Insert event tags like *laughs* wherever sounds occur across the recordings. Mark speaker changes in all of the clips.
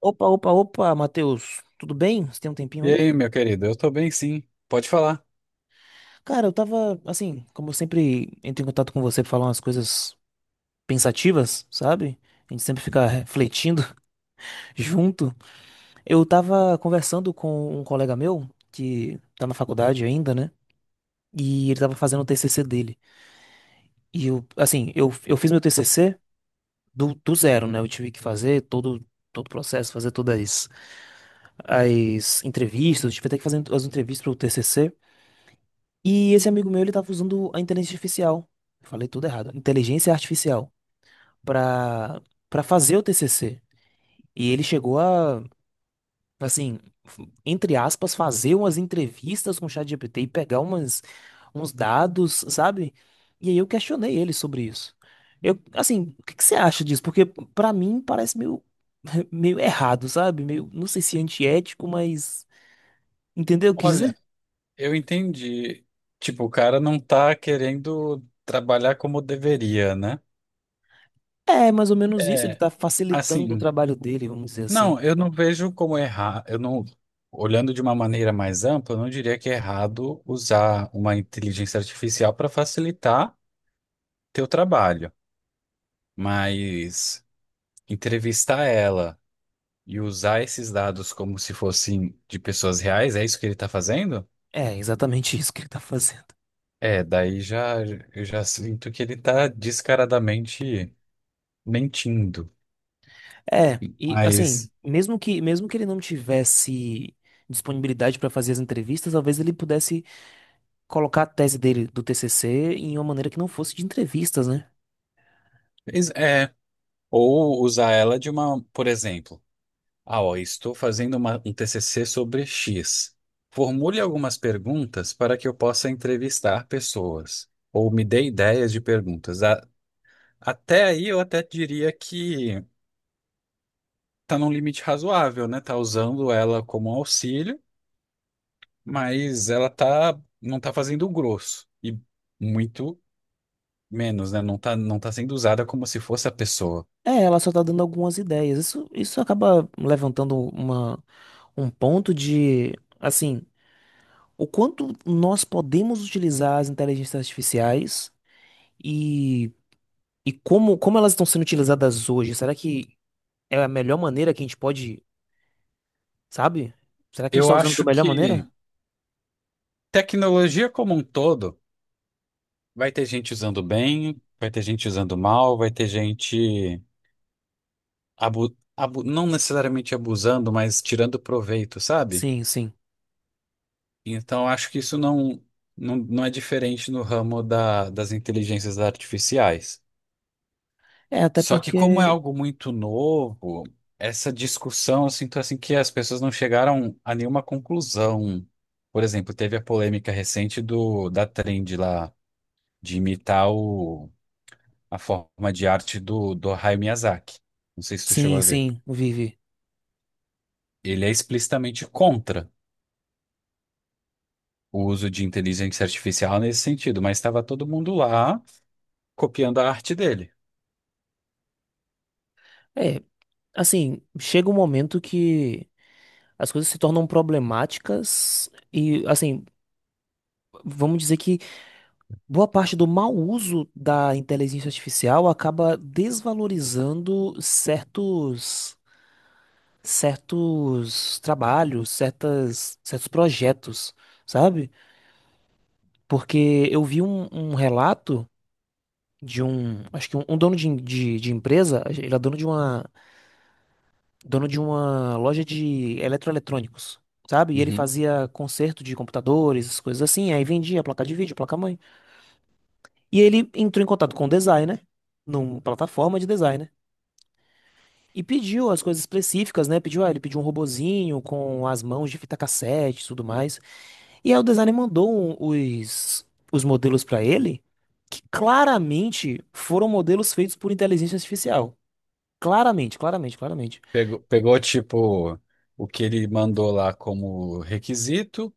Speaker 1: Opa, opa, opa, Matheus, tudo bem? Você tem um tempinho
Speaker 2: E
Speaker 1: aí?
Speaker 2: aí, meu querido, eu tô bem sim. Pode falar.
Speaker 1: Cara, eu tava, assim, como eu sempre entro em contato com você pra falar umas coisas pensativas, sabe? A gente sempre fica refletindo *laughs* junto. Eu tava conversando com um colega meu, que tá na faculdade ainda, né? E ele tava fazendo o TCC dele. E eu, assim, eu fiz meu TCC do zero, né? Eu tive que fazer todo o processo, fazer todas as entrevistas, tive até que fazer as entrevistas pro TCC. E esse amigo meu, ele tava usando a inteligência artificial. Eu falei tudo errado. Inteligência artificial para para fazer o TCC. E ele chegou a, assim, entre aspas, fazer umas entrevistas com o ChatGPT e pegar umas uns dados, sabe? E aí eu questionei ele sobre isso. Eu, assim, o que que você acha disso? Porque pra mim parece meio *laughs* meio errado, sabe? Meio, não sei se é antiético, mas entendeu o que
Speaker 2: Olha,
Speaker 1: dizer?
Speaker 2: eu entendi. Tipo, o cara não tá querendo trabalhar como deveria, né?
Speaker 1: É, mais ou menos isso. Ele
Speaker 2: É,
Speaker 1: tá facilitando o
Speaker 2: assim,
Speaker 1: trabalho dele, vamos dizer assim.
Speaker 2: não, eu não vejo como errar. Eu não, Olhando de uma maneira mais ampla, eu não diria que é errado usar uma inteligência artificial para facilitar teu trabalho, mas entrevistar ela e usar esses dados como se fossem de pessoas reais, é isso que ele está fazendo?
Speaker 1: É exatamente isso que ele tá fazendo.
Speaker 2: É, daí já sinto que ele tá descaradamente mentindo.
Speaker 1: É, e assim,
Speaker 2: Mas
Speaker 1: mesmo que ele não tivesse disponibilidade para fazer as entrevistas, talvez ele pudesse colocar a tese dele do TCC em uma maneira que não fosse de entrevistas, né?
Speaker 2: é, ou usar ela de uma, por exemplo, ah, ó, estou fazendo um TCC sobre X. Formule algumas perguntas para que eu possa entrevistar pessoas, ou me dê ideias de perguntas. Até aí eu até diria que tá num limite razoável, né? Tá usando ela como auxílio, mas ela não tá fazendo o grosso. E muito menos, né? Não tá, não tá sendo usada como se fosse a pessoa.
Speaker 1: É, ela só tá dando algumas ideias. Isso acaba levantando uma um ponto de, assim, o quanto nós podemos utilizar as inteligências artificiais e como elas estão sendo utilizadas hoje? Será que é a melhor maneira que a gente pode? Sabe? Será que a gente
Speaker 2: Eu
Speaker 1: tá usando da
Speaker 2: acho
Speaker 1: melhor
Speaker 2: que
Speaker 1: maneira?
Speaker 2: tecnologia como um todo vai ter gente usando bem, vai ter gente usando mal, vai ter gente não necessariamente abusando, mas tirando proveito, sabe?
Speaker 1: Sim, sim.
Speaker 2: Então acho que não é diferente no ramo das inteligências artificiais.
Speaker 1: É, até
Speaker 2: Só que como é
Speaker 1: porque.
Speaker 2: algo muito novo, essa discussão, eu sinto assim que as pessoas não chegaram a nenhuma conclusão. Por exemplo, teve a polêmica recente do da Trend lá de imitar a forma de arte do Hayao Miyazaki. Não sei se tu chegou
Speaker 1: Sim,
Speaker 2: a ver.
Speaker 1: sim, vive.
Speaker 2: Ele é explicitamente contra o uso de inteligência artificial nesse sentido, mas estava todo mundo lá copiando a arte dele.
Speaker 1: É, assim, chega um momento que as coisas se tornam problemáticas e, assim, vamos dizer que boa parte do mau uso da inteligência artificial acaba desvalorizando certos trabalhos, certos projetos, sabe? Porque eu vi um relato. De um dono de empresa. Ele é dono de uma loja de eletroeletrônicos, sabe? E ele
Speaker 2: Uhum.
Speaker 1: fazia conserto de computadores, essas coisas assim, aí vendia placa de vídeo, placa mãe. E ele entrou em contato com o designer, numa plataforma de designer, e pediu as coisas específicas, né? Pediu, ah, ele pediu um robozinho com as mãos de fita cassete e tudo mais. E aí o designer mandou um, os, os modelos pra ele, que claramente foram modelos feitos por inteligência artificial. Claramente, claramente, claramente.
Speaker 2: Pegou tipo o que ele mandou lá como requisito,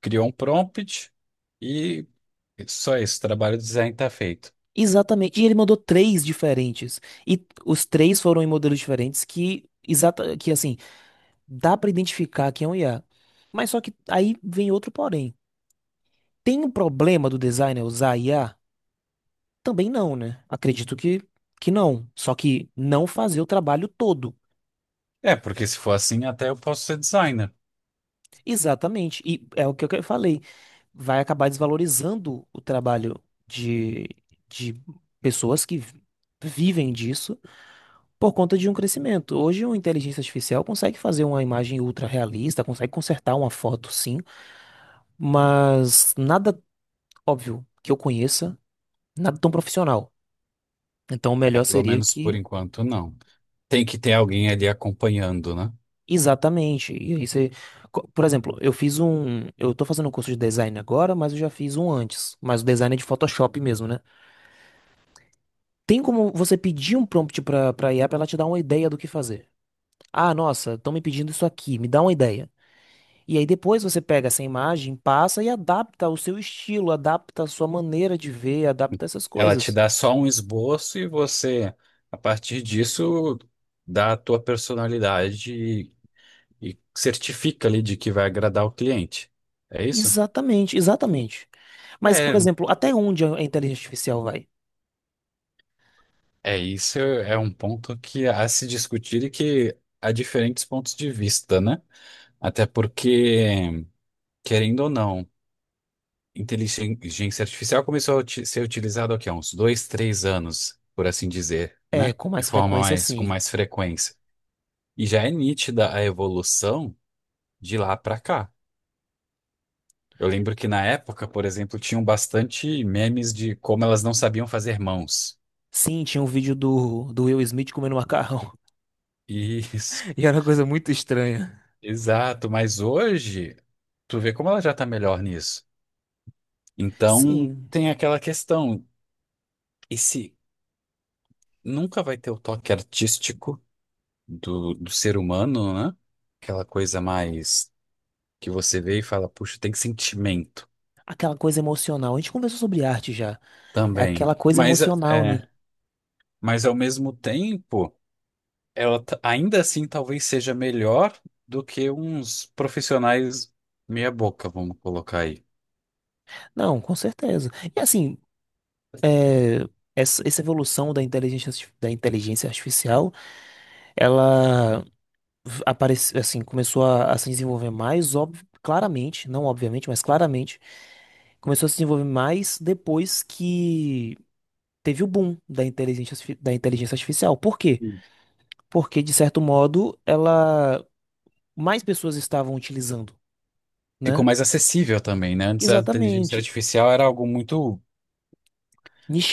Speaker 2: criou um prompt e só esse trabalho de design está feito.
Speaker 1: Exatamente. E ele mandou três diferentes. E os três foram em modelos diferentes que, que, assim, dá pra identificar que é um IA. Mas só que aí vem outro porém. Tem um problema do designer usar IA? Também não, né? Acredito que não. Só que não fazer o trabalho todo.
Speaker 2: É, porque se for assim, até eu posso ser designer.
Speaker 1: Exatamente. E é o que eu falei. Vai acabar desvalorizando o trabalho de, de pessoas que vivem disso por conta de um crescimento. Hoje, uma inteligência artificial consegue fazer uma imagem ultra realista, consegue consertar uma foto, sim, mas nada óbvio que eu conheça, nada tão profissional. Então, o
Speaker 2: É,
Speaker 1: melhor
Speaker 2: pelo
Speaker 1: seria
Speaker 2: menos por
Speaker 1: que.
Speaker 2: enquanto, não. Tem que ter alguém ali acompanhando, né?
Speaker 1: Exatamente. E aí você... Por exemplo, eu fiz um. Eu tô fazendo um curso de design agora, mas eu já fiz um antes. Mas o design é de Photoshop mesmo, né? Tem como você pedir um prompt pra IA pra ela te dar uma ideia do que fazer. Ah, nossa, estão me pedindo isso aqui, me dá uma ideia. E aí depois você pega essa imagem, passa e adapta ao seu estilo, adapta a sua maneira de ver, adapta essas
Speaker 2: Ela te
Speaker 1: coisas.
Speaker 2: dá só um esboço e você, a partir disso, dá a tua personalidade e certifica ali de que vai agradar o cliente. É isso?
Speaker 1: Exatamente, exatamente. Mas, por
Speaker 2: É,
Speaker 1: exemplo, até onde a inteligência artificial vai?
Speaker 2: é isso, é um ponto que há a se discutir e que há diferentes pontos de vista, né? Até porque, querendo ou não, inteligência artificial começou a ser utilizado aqui há uns dois, três anos, por assim dizer,
Speaker 1: É,
Speaker 2: né?
Speaker 1: com
Speaker 2: De
Speaker 1: mais
Speaker 2: forma
Speaker 1: frequência,
Speaker 2: mais, com
Speaker 1: sim.
Speaker 2: mais frequência. E já é nítida a evolução de lá para cá. Eu lembro que na época, por exemplo, tinham bastante memes de como elas não sabiam fazer mãos.
Speaker 1: Sim, tinha um vídeo do Will Smith comendo macarrão. *laughs*
Speaker 2: Isso,
Speaker 1: E era uma coisa muito estranha.
Speaker 2: *laughs* exato. Mas hoje, tu vê como ela já tá melhor nisso. Então,
Speaker 1: Sim.
Speaker 2: tem aquela questão, esse nunca vai ter o toque artístico do ser humano, né? Aquela coisa mais que você vê e fala, puxa, tem sentimento
Speaker 1: Aquela coisa emocional. A gente conversou sobre arte já. É
Speaker 2: também.
Speaker 1: aquela coisa
Speaker 2: Mas,
Speaker 1: emocional, né?
Speaker 2: mas ao mesmo tempo, ela ainda assim talvez seja melhor do que uns profissionais meia boca, vamos colocar aí.
Speaker 1: Não, com certeza. E, assim, é, essa evolução da da inteligência artificial, ela aparece, assim, começou a se desenvolver mais, óbvio, claramente, não obviamente, mas claramente, começou a se desenvolver mais depois que teve o boom da da inteligência artificial. Por quê?
Speaker 2: Sim.
Speaker 1: Porque, de certo modo, ela mais pessoas estavam utilizando,
Speaker 2: Ficou
Speaker 1: né?
Speaker 2: mais acessível também, né? Antes a inteligência
Speaker 1: Exatamente.
Speaker 2: artificial era algo muito.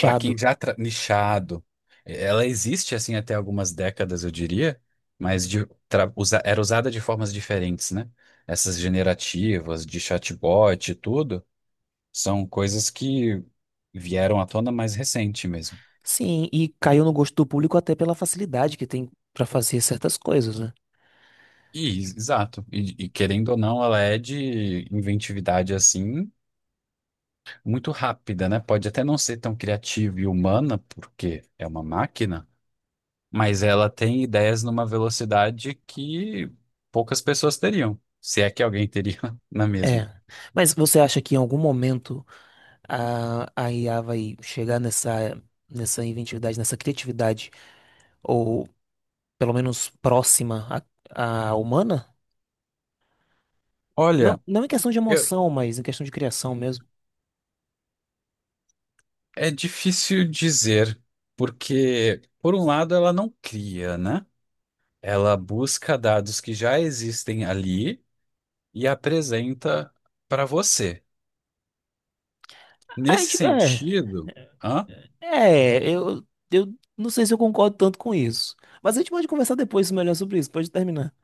Speaker 2: Para quem já nichado, ela existe assim até algumas décadas, eu diria, mas era usada de formas diferentes, né? Essas generativas de chatbot e tudo são coisas que vieram à tona mais recente mesmo.
Speaker 1: Sim, e caiu no gosto do público até pela facilidade que tem pra fazer certas coisas, né?
Speaker 2: E, exato. E querendo ou não, ela é de inventividade assim muito rápida, né? Pode até não ser tão criativa e humana, porque é uma máquina. Mas ela tem ideias numa velocidade que poucas pessoas teriam, se é que alguém teria *laughs* na mesma.
Speaker 1: É. Mas você acha que em algum momento a IA vai chegar nessa inventividade, nessa criatividade, ou pelo menos próxima à humana? Não,
Speaker 2: Olha,
Speaker 1: não em questão de
Speaker 2: eu-
Speaker 1: emoção, mas em questão de criação mesmo.
Speaker 2: é difícil dizer, porque, por um lado, ela não cria, né? Ela busca dados que já existem ali e apresenta para você.
Speaker 1: A
Speaker 2: Nesse
Speaker 1: gente,
Speaker 2: sentido, hã?
Speaker 1: é, eu, eu não sei se eu concordo tanto com isso. Mas a gente pode conversar depois melhor sobre isso, pode terminar.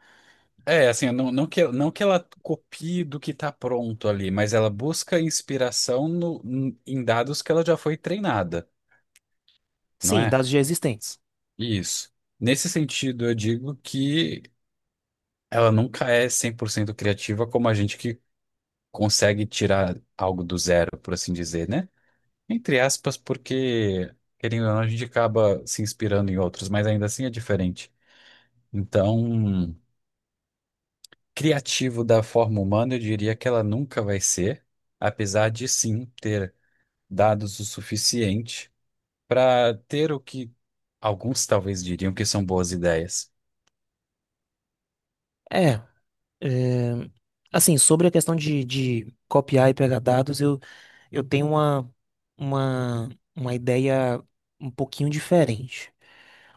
Speaker 2: É, assim, não que ela copie do que está pronto ali, mas ela busca inspiração em dados que ela já foi treinada, não
Speaker 1: Sim,
Speaker 2: é?
Speaker 1: dados já existentes.
Speaker 2: Isso. Nesse sentido, eu digo que ela nunca é 100% criativa como a gente que consegue tirar algo do zero, por assim dizer, né? Entre aspas, porque, querendo ou não, a gente acaba se inspirando em outros, mas ainda assim é diferente. Então, criativo da forma humana, eu diria que ela nunca vai ser, apesar de sim ter dados o suficiente para ter o que alguns talvez diriam que são boas ideias. *laughs*
Speaker 1: É. É, assim, sobre a questão de copiar e pegar dados, eu tenho uma, uma ideia um pouquinho diferente.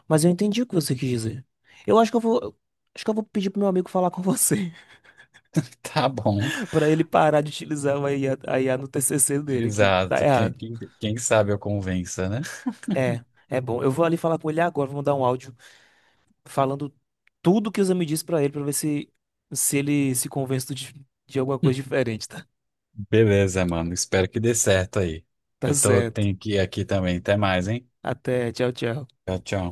Speaker 1: Mas eu entendi o que você quis dizer. Eu acho que eu vou, acho que eu vou pedir pro meu amigo falar com você,
Speaker 2: Tá bom.
Speaker 1: *laughs* para ele parar de utilizar a IA, no TCC dele, que tá
Speaker 2: Exato. Quem,
Speaker 1: errado.
Speaker 2: quem, quem sabe eu convença, né?
Speaker 1: É, é bom. Eu vou ali falar com ele agora, vou mandar um áudio falando tudo que o Zé me disse pra ele, pra ver se ele se convence de alguma coisa diferente, tá?
Speaker 2: Beleza, mano. Espero que dê certo aí.
Speaker 1: Tá certo.
Speaker 2: Tenho que ir aqui também. Até mais, hein?
Speaker 1: Até, tchau, tchau.
Speaker 2: Tchau, tchau.